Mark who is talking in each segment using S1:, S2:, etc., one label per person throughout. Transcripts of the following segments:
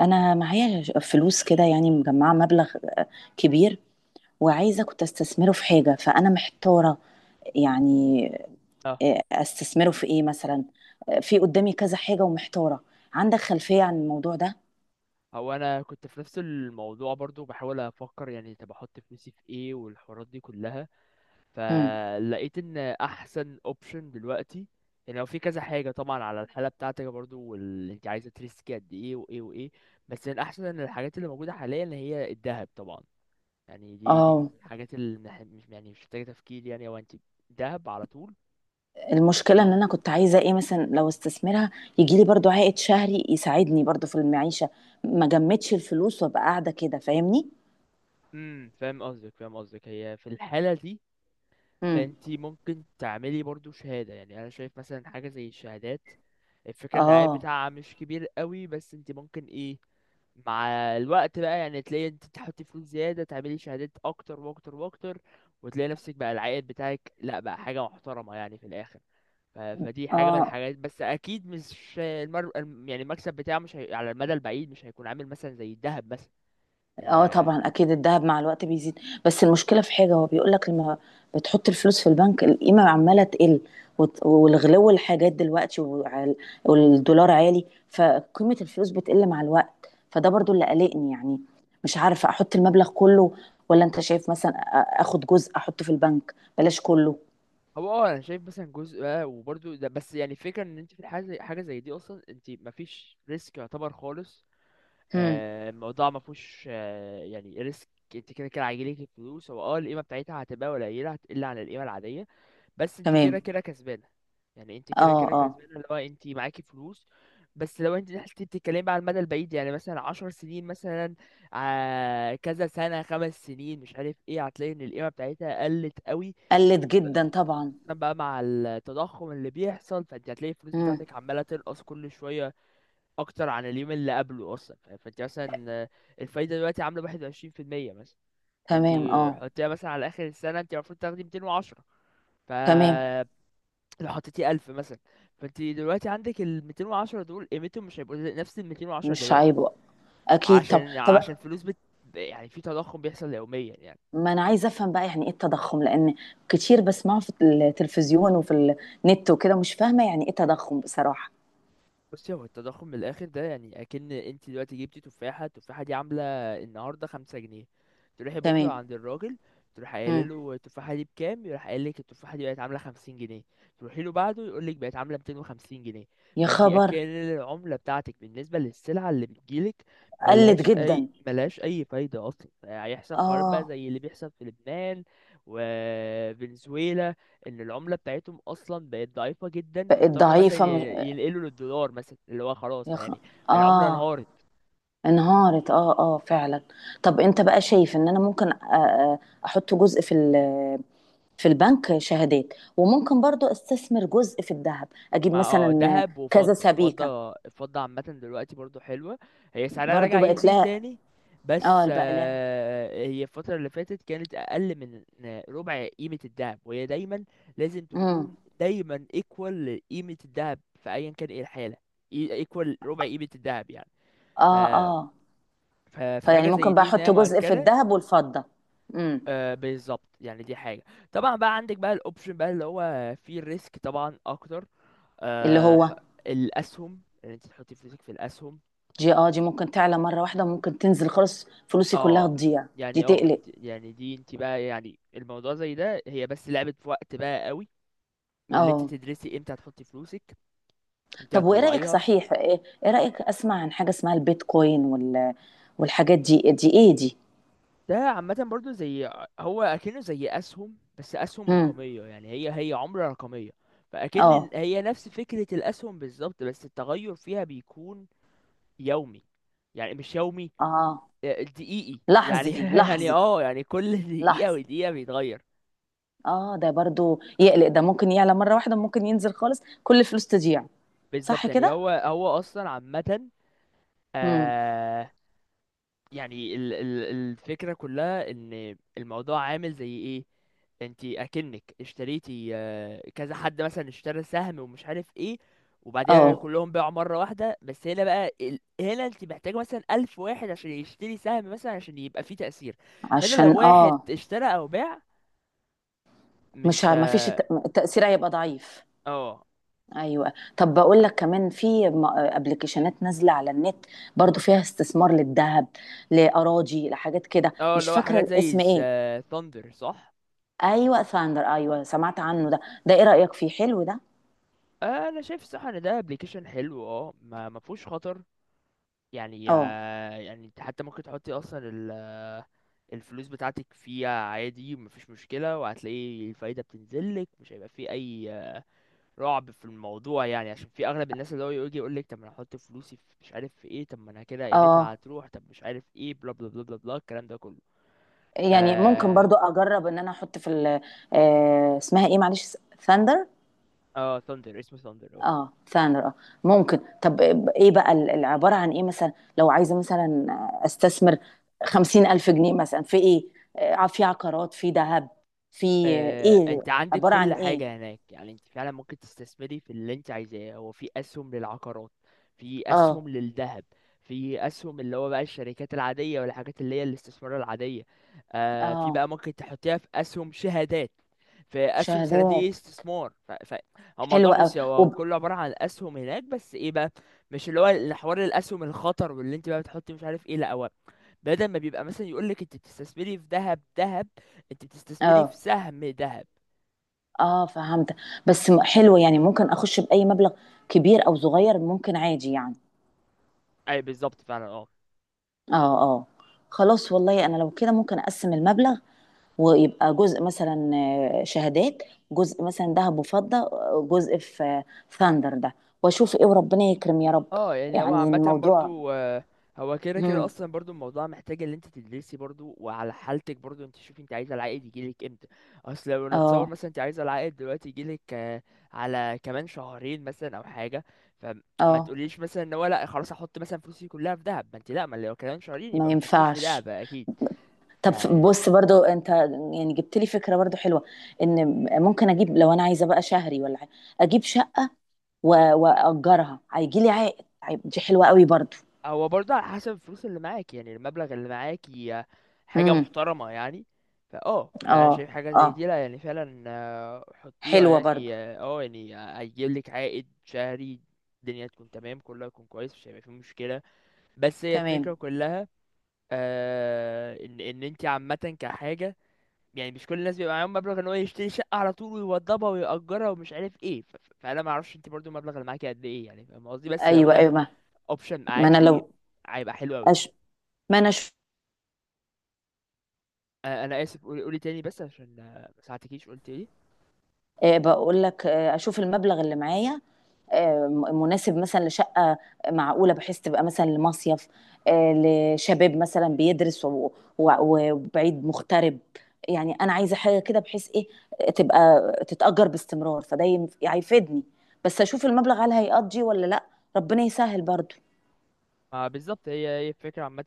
S1: انا معايا فلوس كده، يعني مجمعه مبلغ آه، كبير. وعايزه كنت استثمره في حاجه، فانا محتاره يعني.
S2: اه،
S1: استثمره في ايه مثلا؟ في قدامي كذا حاجه ومحتاره. عندك خلفيه عن الموضوع ده؟
S2: هو انا كنت في نفس الموضوع برضو بحاول افكر. يعني طب احط فلوسي في ايه والحوارات دي كلها؟
S1: امم.
S2: فلقيت ان احسن اوبشن دلوقتي، يعني هو في كذا حاجه طبعا على الحاله بتاعتك برضو، واللي انت عايزه تريسكي قد ايه وايه وايه. بس من احسن الحاجات اللي موجوده حاليا اللي هي الذهب طبعا. يعني دي من
S1: اه.
S2: الحاجات اللي مش محتاجه تفكير. يعني هو انت ذهب على طول
S1: المشكله ان
S2: يعني.
S1: انا كنت عايزه، ايه مثلا، لو استثمرها يجي لي برضو عائد شهري يساعدني برضو في المعيشه. ما جمدش الفلوس وابقى قاعده كده، فاهمني؟
S2: فاهم قصدك فاهم قصدك. هي في الحاله دي
S1: امم.
S2: انت ممكن تعملي برضو شهادة. يعني انا شايف مثلا حاجة زي الشهادات. الفكرة ان العائد
S1: اه.
S2: بتاعها مش كبير قوي، بس انت ممكن ايه مع الوقت بقى، يعني تلاقي انت تحطي فلوس زيادة تعملي شهادات اكتر واكتر واكتر، وتلاقي نفسك بقى العائد بتاعك لا بقى حاجة محترمة يعني في الاخر. فدي حاجة من
S1: اه،
S2: الحاجات، بس اكيد مش يعني المكسب بتاعه مش هي... على المدى البعيد مش هيكون عامل مثلا زي الذهب مثلا.
S1: اه
S2: يعني
S1: طبعا اكيد الذهب مع الوقت بيزيد. بس المشكله في حاجه، هو بيقول لك لما بتحط الفلوس في البنك القيمه عماله تقل. والغلو الحاجات دلوقتي، والدولار عالي. فقيمه الفلوس بتقل مع الوقت، فده برضو اللي قلقني يعني. مش عارفه احط المبلغ كله، ولا انت شايف مثلا اخد جزء احطه في البنك بلاش كله؟
S2: هو انا شايف مثلا جزء وبرضو ده، بس يعني الفكره ان انت في الحاجه زي حاجه زي دي اصلا انت مفيش ريسك يعتبر خالص.
S1: امم.
S2: الموضوع ما فيهوش يعني ريسك. انت كده كده هيجيلك الفلوس، هو القيمه بتاعتها هتبقى قليله هتقل عن القيمه العاديه، بس انت
S1: تمام.
S2: كده كده كسبانه. يعني انت كده
S1: اه.
S2: كده
S1: اه.
S2: كسبانه، اللي هو انت معاكي فلوس. بس لو انت حسيتي بتتكلمي بقى على المدى البعيد، يعني مثلا 10 سنين مثلا، كذا سنه، 5 سنين، مش عارف ايه، هتلاقي ان القيمه بتاعتها قلت قوي.
S1: قلت جدا طبعا.
S2: عشان بقى مع التضخم اللي بيحصل، فانت هتلاقي الفلوس
S1: امم.
S2: بتاعتك عمالة تنقص كل شوية أكتر عن اليوم اللي قبله أصلا. فانت مثلا الفايدة دلوقتي عاملة 21% مثلا. فانت
S1: تمام. اه.
S2: حطيها مثلا على آخر السنة، انت المفروض تاخدي 210. ف
S1: تمام.
S2: لو حطيتي 1000 مثلا، فانت دلوقتي عندك الـ210 دول قيمتهم مش هيبقوا نفس الـ210
S1: مش
S2: دلوقتي.
S1: عيب، اكيد. طب
S2: عشان
S1: طب،
S2: عشان يعني في تضخم بيحصل يوميا يعني.
S1: ما انا عايزه افهم بقى، يعني ايه التضخم؟ لان كتير بسمعه في التلفزيون وفي النت وكده، مش فاهمه يعني ايه تضخم بصراحه.
S2: بصي، هو التضخم من الاخر ده، يعني اكن انت دلوقتي جبتي تفاحه، التفاحه دي عامله النهارده 5 جنيه، تروحي بكره
S1: تمام.
S2: عند الراجل تروح قايله
S1: مم.
S2: له التفاحه دي بكام، يروح قايل لك التفاحه دي بقت عامله 50 جنيه، تروحي له بعده يقول لك بقت عامله 250 جنيه.
S1: يا
S2: فانت اكن
S1: خبر.
S2: العمله بتاعتك بالنسبه للسلعه اللي بتجيلك
S1: قلت
S2: ملهاش اي
S1: جدا.
S2: ملهاش اي فايده اصلا. هيحصل حوارات بقى
S1: اه.
S2: زي اللي بيحصل في لبنان وفنزويلا، ان العمله بتاعتهم اصلا بقت ضعيفه جدا،
S1: بقت
S2: فاضطروا مثلا
S1: ضعيفه مش...
S2: ينقلوا للدولار مثلا، اللي هو خلاص
S1: يا خ...
S2: يعني العمله
S1: اه.
S2: انهارت.
S1: انهارت، اه، اه فعلا. طب انت بقى شايف ان انا ممكن احط جزء في في البنك شهادات؟ وممكن برضو استثمر جزء في الذهب، اجيب
S2: مع
S1: مثلا
S2: ذهب
S1: كذا
S2: وفضه،
S1: سبيكه.
S2: الفضه عامه دلوقتي برضو حلوه، هي سعرها
S1: برضو
S2: رجع
S1: بقت
S2: يزيد
S1: لها.
S2: تاني. بس
S1: اه، بقى.
S2: هي الفتره اللي فاتت كانت اقل من ربع قيمه الذهب، وهي دايما لازم
S1: لها.
S2: تكون دايما ايكوال لقيمه الذهب في ايا كان ايه الحاله. ايكوال ربع قيمه الذهب يعني. ف
S1: اه. اه.
S2: ف-
S1: فيعني
S2: فحاجه زي
S1: ممكن بقى
S2: دي ان
S1: احط
S2: هي
S1: جزء في
S2: مؤكده.
S1: الذهب والفضة. امم.
S2: بالظبط، يعني دي حاجة. طبعا بقى عندك بقى الاوبشن بقى اللي هو فيه الريسك طبعا اكتر،
S1: اللي
S2: آه ح-
S1: هو.
S2: الاسهم، ان انت تحطي فلوسك في الاسهم.
S1: دي ممكن تعلى مرة واحدة، وممكن تنزل خالص فلوسي كلها
S2: اه
S1: تضيع. دي تقلق.
S2: انت يعني دي انت بقى يعني الموضوع زي ده، هي بس لعبة في وقت بقى قوي، واللي انت
S1: اه،
S2: تدرسي امتى هتحطي فلوسك امتى
S1: طب وايه رأيك
S2: هتطلعيها.
S1: صحيح؟ إيه رأيك؟ اسمع عن حاجة اسمها البيتكوين وال والحاجات دي، ايه دي؟
S2: ده عامة برضو زي هو اكنه زي اسهم، بس اسهم
S1: امم.
S2: رقمية. يعني هي عملة رقمية. فاكن
S1: اه.
S2: هي نفس فكرة الاسهم بالظبط، بس التغير فيها بيكون يومي. يعني مش يومي،
S1: اه.
S2: دقيقي يعني
S1: لحظي،
S2: يعني
S1: لحظي،
S2: يعني كل دقيقة
S1: لحظي.
S2: ودقيقة بيتغير.
S1: اه، ده برضو يقلق، ده ممكن يعلى مرة واحدة، ممكن ينزل خالص كل الفلوس تضيع. صح
S2: بالظبط، يعني
S1: كده.
S2: هو اصلا عامة،
S1: امم.
S2: آه يعني ال الفكرة كلها ان الموضوع عامل زي ايه، انتي اكنك اشتريتي كذا حد مثلا اشترى سهم ومش عارف ايه وبعدها
S1: اه،
S2: كلهم باعوا مرة واحدة. بس هنا بقى هنا انت محتاج مثلا 1000 واحد عشان يشتري سهم مثلا عشان يبقى فيه تأثير. هنا لو
S1: عشان،
S2: واحد اشترى أو باع
S1: مش
S2: مش...
S1: ه- ما فيش التأثير هيبقى ضعيف.
S2: اه
S1: ايوه، طب بقول لك كمان في ابلكيشنات نازله على النت، برضو فيها استثمار للذهب، لاراضي، لحاجات كده،
S2: اه،
S1: مش
S2: اللي هو
S1: فاكره
S2: حاجات زي
S1: الاسم ايه.
S2: ثاندر صح.
S1: ايوه، ثاندر، ايوه سمعت عنه ده. ده ايه رأيك فيه، حلو ده؟
S2: انا شايف الصراحه ان ده ابلكيشن حلو، ما فيهوش خطر. يعني
S1: اه.
S2: يعني انت حتى ممكن تحطي اصلا الفلوس بتاعتك فيها عادي مفيش مشكله، وهتلاقي الفايده بتنزلك مش هيبقى فيه اي رعب في الموضوع. يعني عشان في اغلب الناس اللي هو يجي يقول لك طب ما انا هحط فلوسي في مش عارف في ايه، طب ما انا كده قيمتها
S1: اه،
S2: هتروح، طب مش عارف ايه، بلا بلا بلا بلا بلا الكلام ده كله.
S1: يعني ممكن برضو اجرب ان انا احط في اسمها ايه معلش؟ ثاندر.
S2: اه، ثاندر، اسمه ثاندر.
S1: اه، ثانر، اه، ممكن. طب ايه بقى العبارة عن ايه مثلا؟ لو عايزة مثلا استثمر 50,000 جنيه مثلا في ايه؟ في عقارات، في ذهب، في ايه،
S2: انت عندك
S1: عبارة عن
S2: كل
S1: ايه؟
S2: حاجة هناك. يعني انت فعلا ممكن تستثمري في اللي انت عايزاه. هو في اسهم للعقارات، في
S1: اه.
S2: اسهم للذهب، في اسهم اللي هو بقى الشركات العادية والحاجات اللي هي الاستثمار العادية. في
S1: اه،
S2: بقى ممكن تحطيها في اسهم شهادات، في اسهم صناديق
S1: شهادات.
S2: استثمار. هو الموضوع،
S1: حلوة قوي.
S2: بصي، هو
S1: وب...
S2: كله عبارة عن اسهم هناك، بس ايه بقى، مش اللي هو حوار الاسهم الخطر واللي انت بقى بتحطي مش عارف ايه. لا، هو بدل ما بيبقى مثلا يقول لك انت بتستثمري في ذهب ذهب، انت بتستثمري في
S1: اه.
S2: سهم ذهب.
S1: اه، فهمت. بس حلو، يعني ممكن اخش بأي مبلغ كبير او صغير، ممكن عادي يعني.
S2: اي بالظبط فعلا. اه
S1: اه. اه، خلاص والله، انا لو كده ممكن اقسم المبلغ، ويبقى جزء مثلا شهادات، جزء مثلا ذهب وفضة، جزء في ثاندر ده، واشوف ايه وربنا يكرم يا رب.
S2: اه، يعني هو
S1: يعني
S2: عامة
S1: الموضوع.
S2: برضو، هو كده كده
S1: مم.
S2: اصلا برضو الموضوع محتاج ان انت تدرسي برضو، وعلى حالتك برضو انت شوفي انت عايزه العائد يجيلك امتى. اصل لو نتصور
S1: اه.
S2: مثلا انت عايزه العائد دلوقتي يجيلك على كمان شهرين مثلا او حاجه، فما
S1: اه،
S2: تقوليش مثلا ان هو لا خلاص احط مثلا فلوسي كلها في دهب. ما انت لا، ما لو كمان شهرين
S1: ما
S2: يبقى ما تحطيش في
S1: ينفعش.
S2: دهب اكيد.
S1: طب. بص برضو انت يعني جبت لي فكرة برضو حلوة، ان ممكن اجيب لو انا عايزة بقى شهري ولا حاجة، اجيب شقة واجرها هيجي لي عائد. دي حلوة قوي برضو.
S2: هو برضه على حسب الفلوس اللي معاك، يعني المبلغ اللي معاك هي حاجة
S1: امم.
S2: محترمة يعني. لا، انا
S1: اه.
S2: شايف حاجة
S1: اه،
S2: زي دي، لا يعني فعلا حطيها،
S1: حلوة برضو.
S2: يعني يعني هيجيب لك عائد شهري، الدنيا تكون تمام كلها تكون كويس، مش هيبقى فيه مشكلة. بس هي
S1: تمام.
S2: الفكرة كلها، ان انت عامة كحاجة، يعني مش كل الناس بيبقى معاهم مبلغ ان هو يشتري شقة على طول ويوضبها ويأجرها ومش عارف ايه. فانا ما اعرفش انت برضو المبلغ اللي معاكي قد ايه، يعني فاهم قصدي، بس لو
S1: ايوه،
S2: ده
S1: ايوه، ما.
S2: اوبشن
S1: ما انا
S2: معاكي
S1: لو
S2: هيبقى حلو قوي.
S1: أش... ما انا
S2: انا اسف، قولي قولي تاني بس عشان ما ساعدتكيش. قلت ايه؟
S1: بقول لك، اشوف المبلغ اللي معايا مناسب مثلا لشقه معقوله، بحيث تبقى مثلا لمصيف، لشباب مثلا بيدرس وبعيد مغترب. يعني انا عايزه حاجه كده بحيث ايه، تبقى تتاجر باستمرار، فده هيفيدني. بس اشوف المبلغ هل هيقضي ولا لا، ربنا يسهل برضو.
S2: ما بالظبط هي هي الفكره عامه.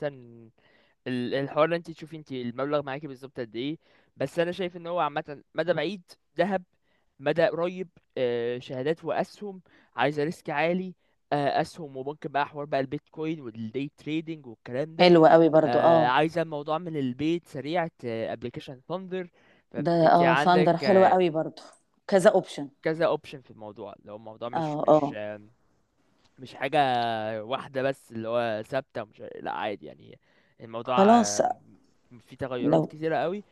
S2: الحوار اللي انت تشوفي انت المبلغ معاكي بالظبط قد ايه. بس انا شايف ان هو عامه: مدى بعيد، ذهب؛ مدى قريب، شهادات واسهم؛ عايزه ريسك عالي، اسهم وممكن بقى حوار بقى البيتكوين والدي تريدينج والكلام ده؛
S1: حلو قوي برضو. اه،
S2: عايزه الموضوع من البيت سريع، ابلكيشن ثاندر.
S1: ده.
S2: فانت
S1: اه،
S2: عندك
S1: ثاندر حلو قوي برضو، كذا اوبشن.
S2: كذا اوبشن في الموضوع. لو الموضوع
S1: اه.
S2: مش مش
S1: اه،
S2: مش حاجة واحدة بس اللي هو ثابتة، مش، لا عادي، يعني الموضوع
S1: خلاص
S2: فيه
S1: لو.
S2: تغيرات كتيرة قوي.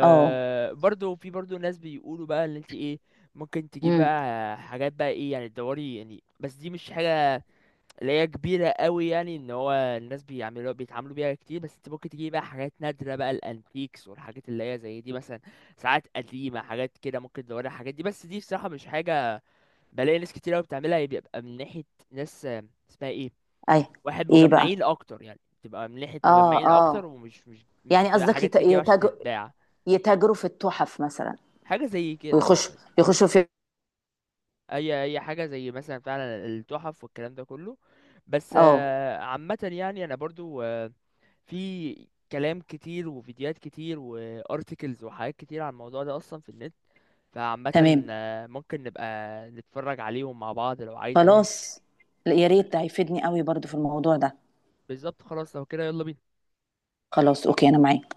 S1: اه.
S2: في برضه ناس بيقولوا بقى ان انت ايه ممكن تجيب
S1: امم.
S2: بقى حاجات بقى ايه، يعني تدوري يعني، بس دي مش حاجة اللي هي كبيرة قوي. يعني ان هو الناس بيتعاملوا بيها كتير، بس انت ممكن تجيب بقى حاجات نادرة، بقى الانتيكس والحاجات اللي هي زي دي، مثلا ساعات قديمة حاجات كده. ممكن تدوري على الحاجات دي، بس دي بصراحة مش حاجة بلاقي ناس كتير قوي بتعملها. هي بيبقى من ناحية ناس اسمها ايه،
S1: اي.
S2: واحد
S1: ايه بقى؟
S2: مجمعين اكتر. يعني بتبقى من ناحية
S1: اه.
S2: مجمعين اكتر،
S1: اه،
S2: ومش مش
S1: يعني
S2: بتبقى
S1: قصدك
S2: حاجات تجيب عشان تتباع.
S1: يتاجروا في التحف مثلا،
S2: حاجة زي كده
S1: ويخشوا
S2: مثلا.
S1: يخشوا في.
S2: اي حاجة زي مثلا فعلا التحف والكلام ده كله. بس
S1: اه.
S2: عامة يعني انا برضو في كلام كتير وفيديوهات كتير وارتكلز وحاجات كتير عن الموضوع ده اصلا في النت، فعامة
S1: تمام.
S2: ممكن نبقى نتفرج عليهم مع بعض لو عايزة.
S1: خلاص. لا، يا
S2: ف-
S1: ريت، ده هيفيدني قوي برضو في الموضوع ده.
S2: بالظبط، خلاص، لو كده يلا بينا.
S1: خلاص، اوكي، انا معاك.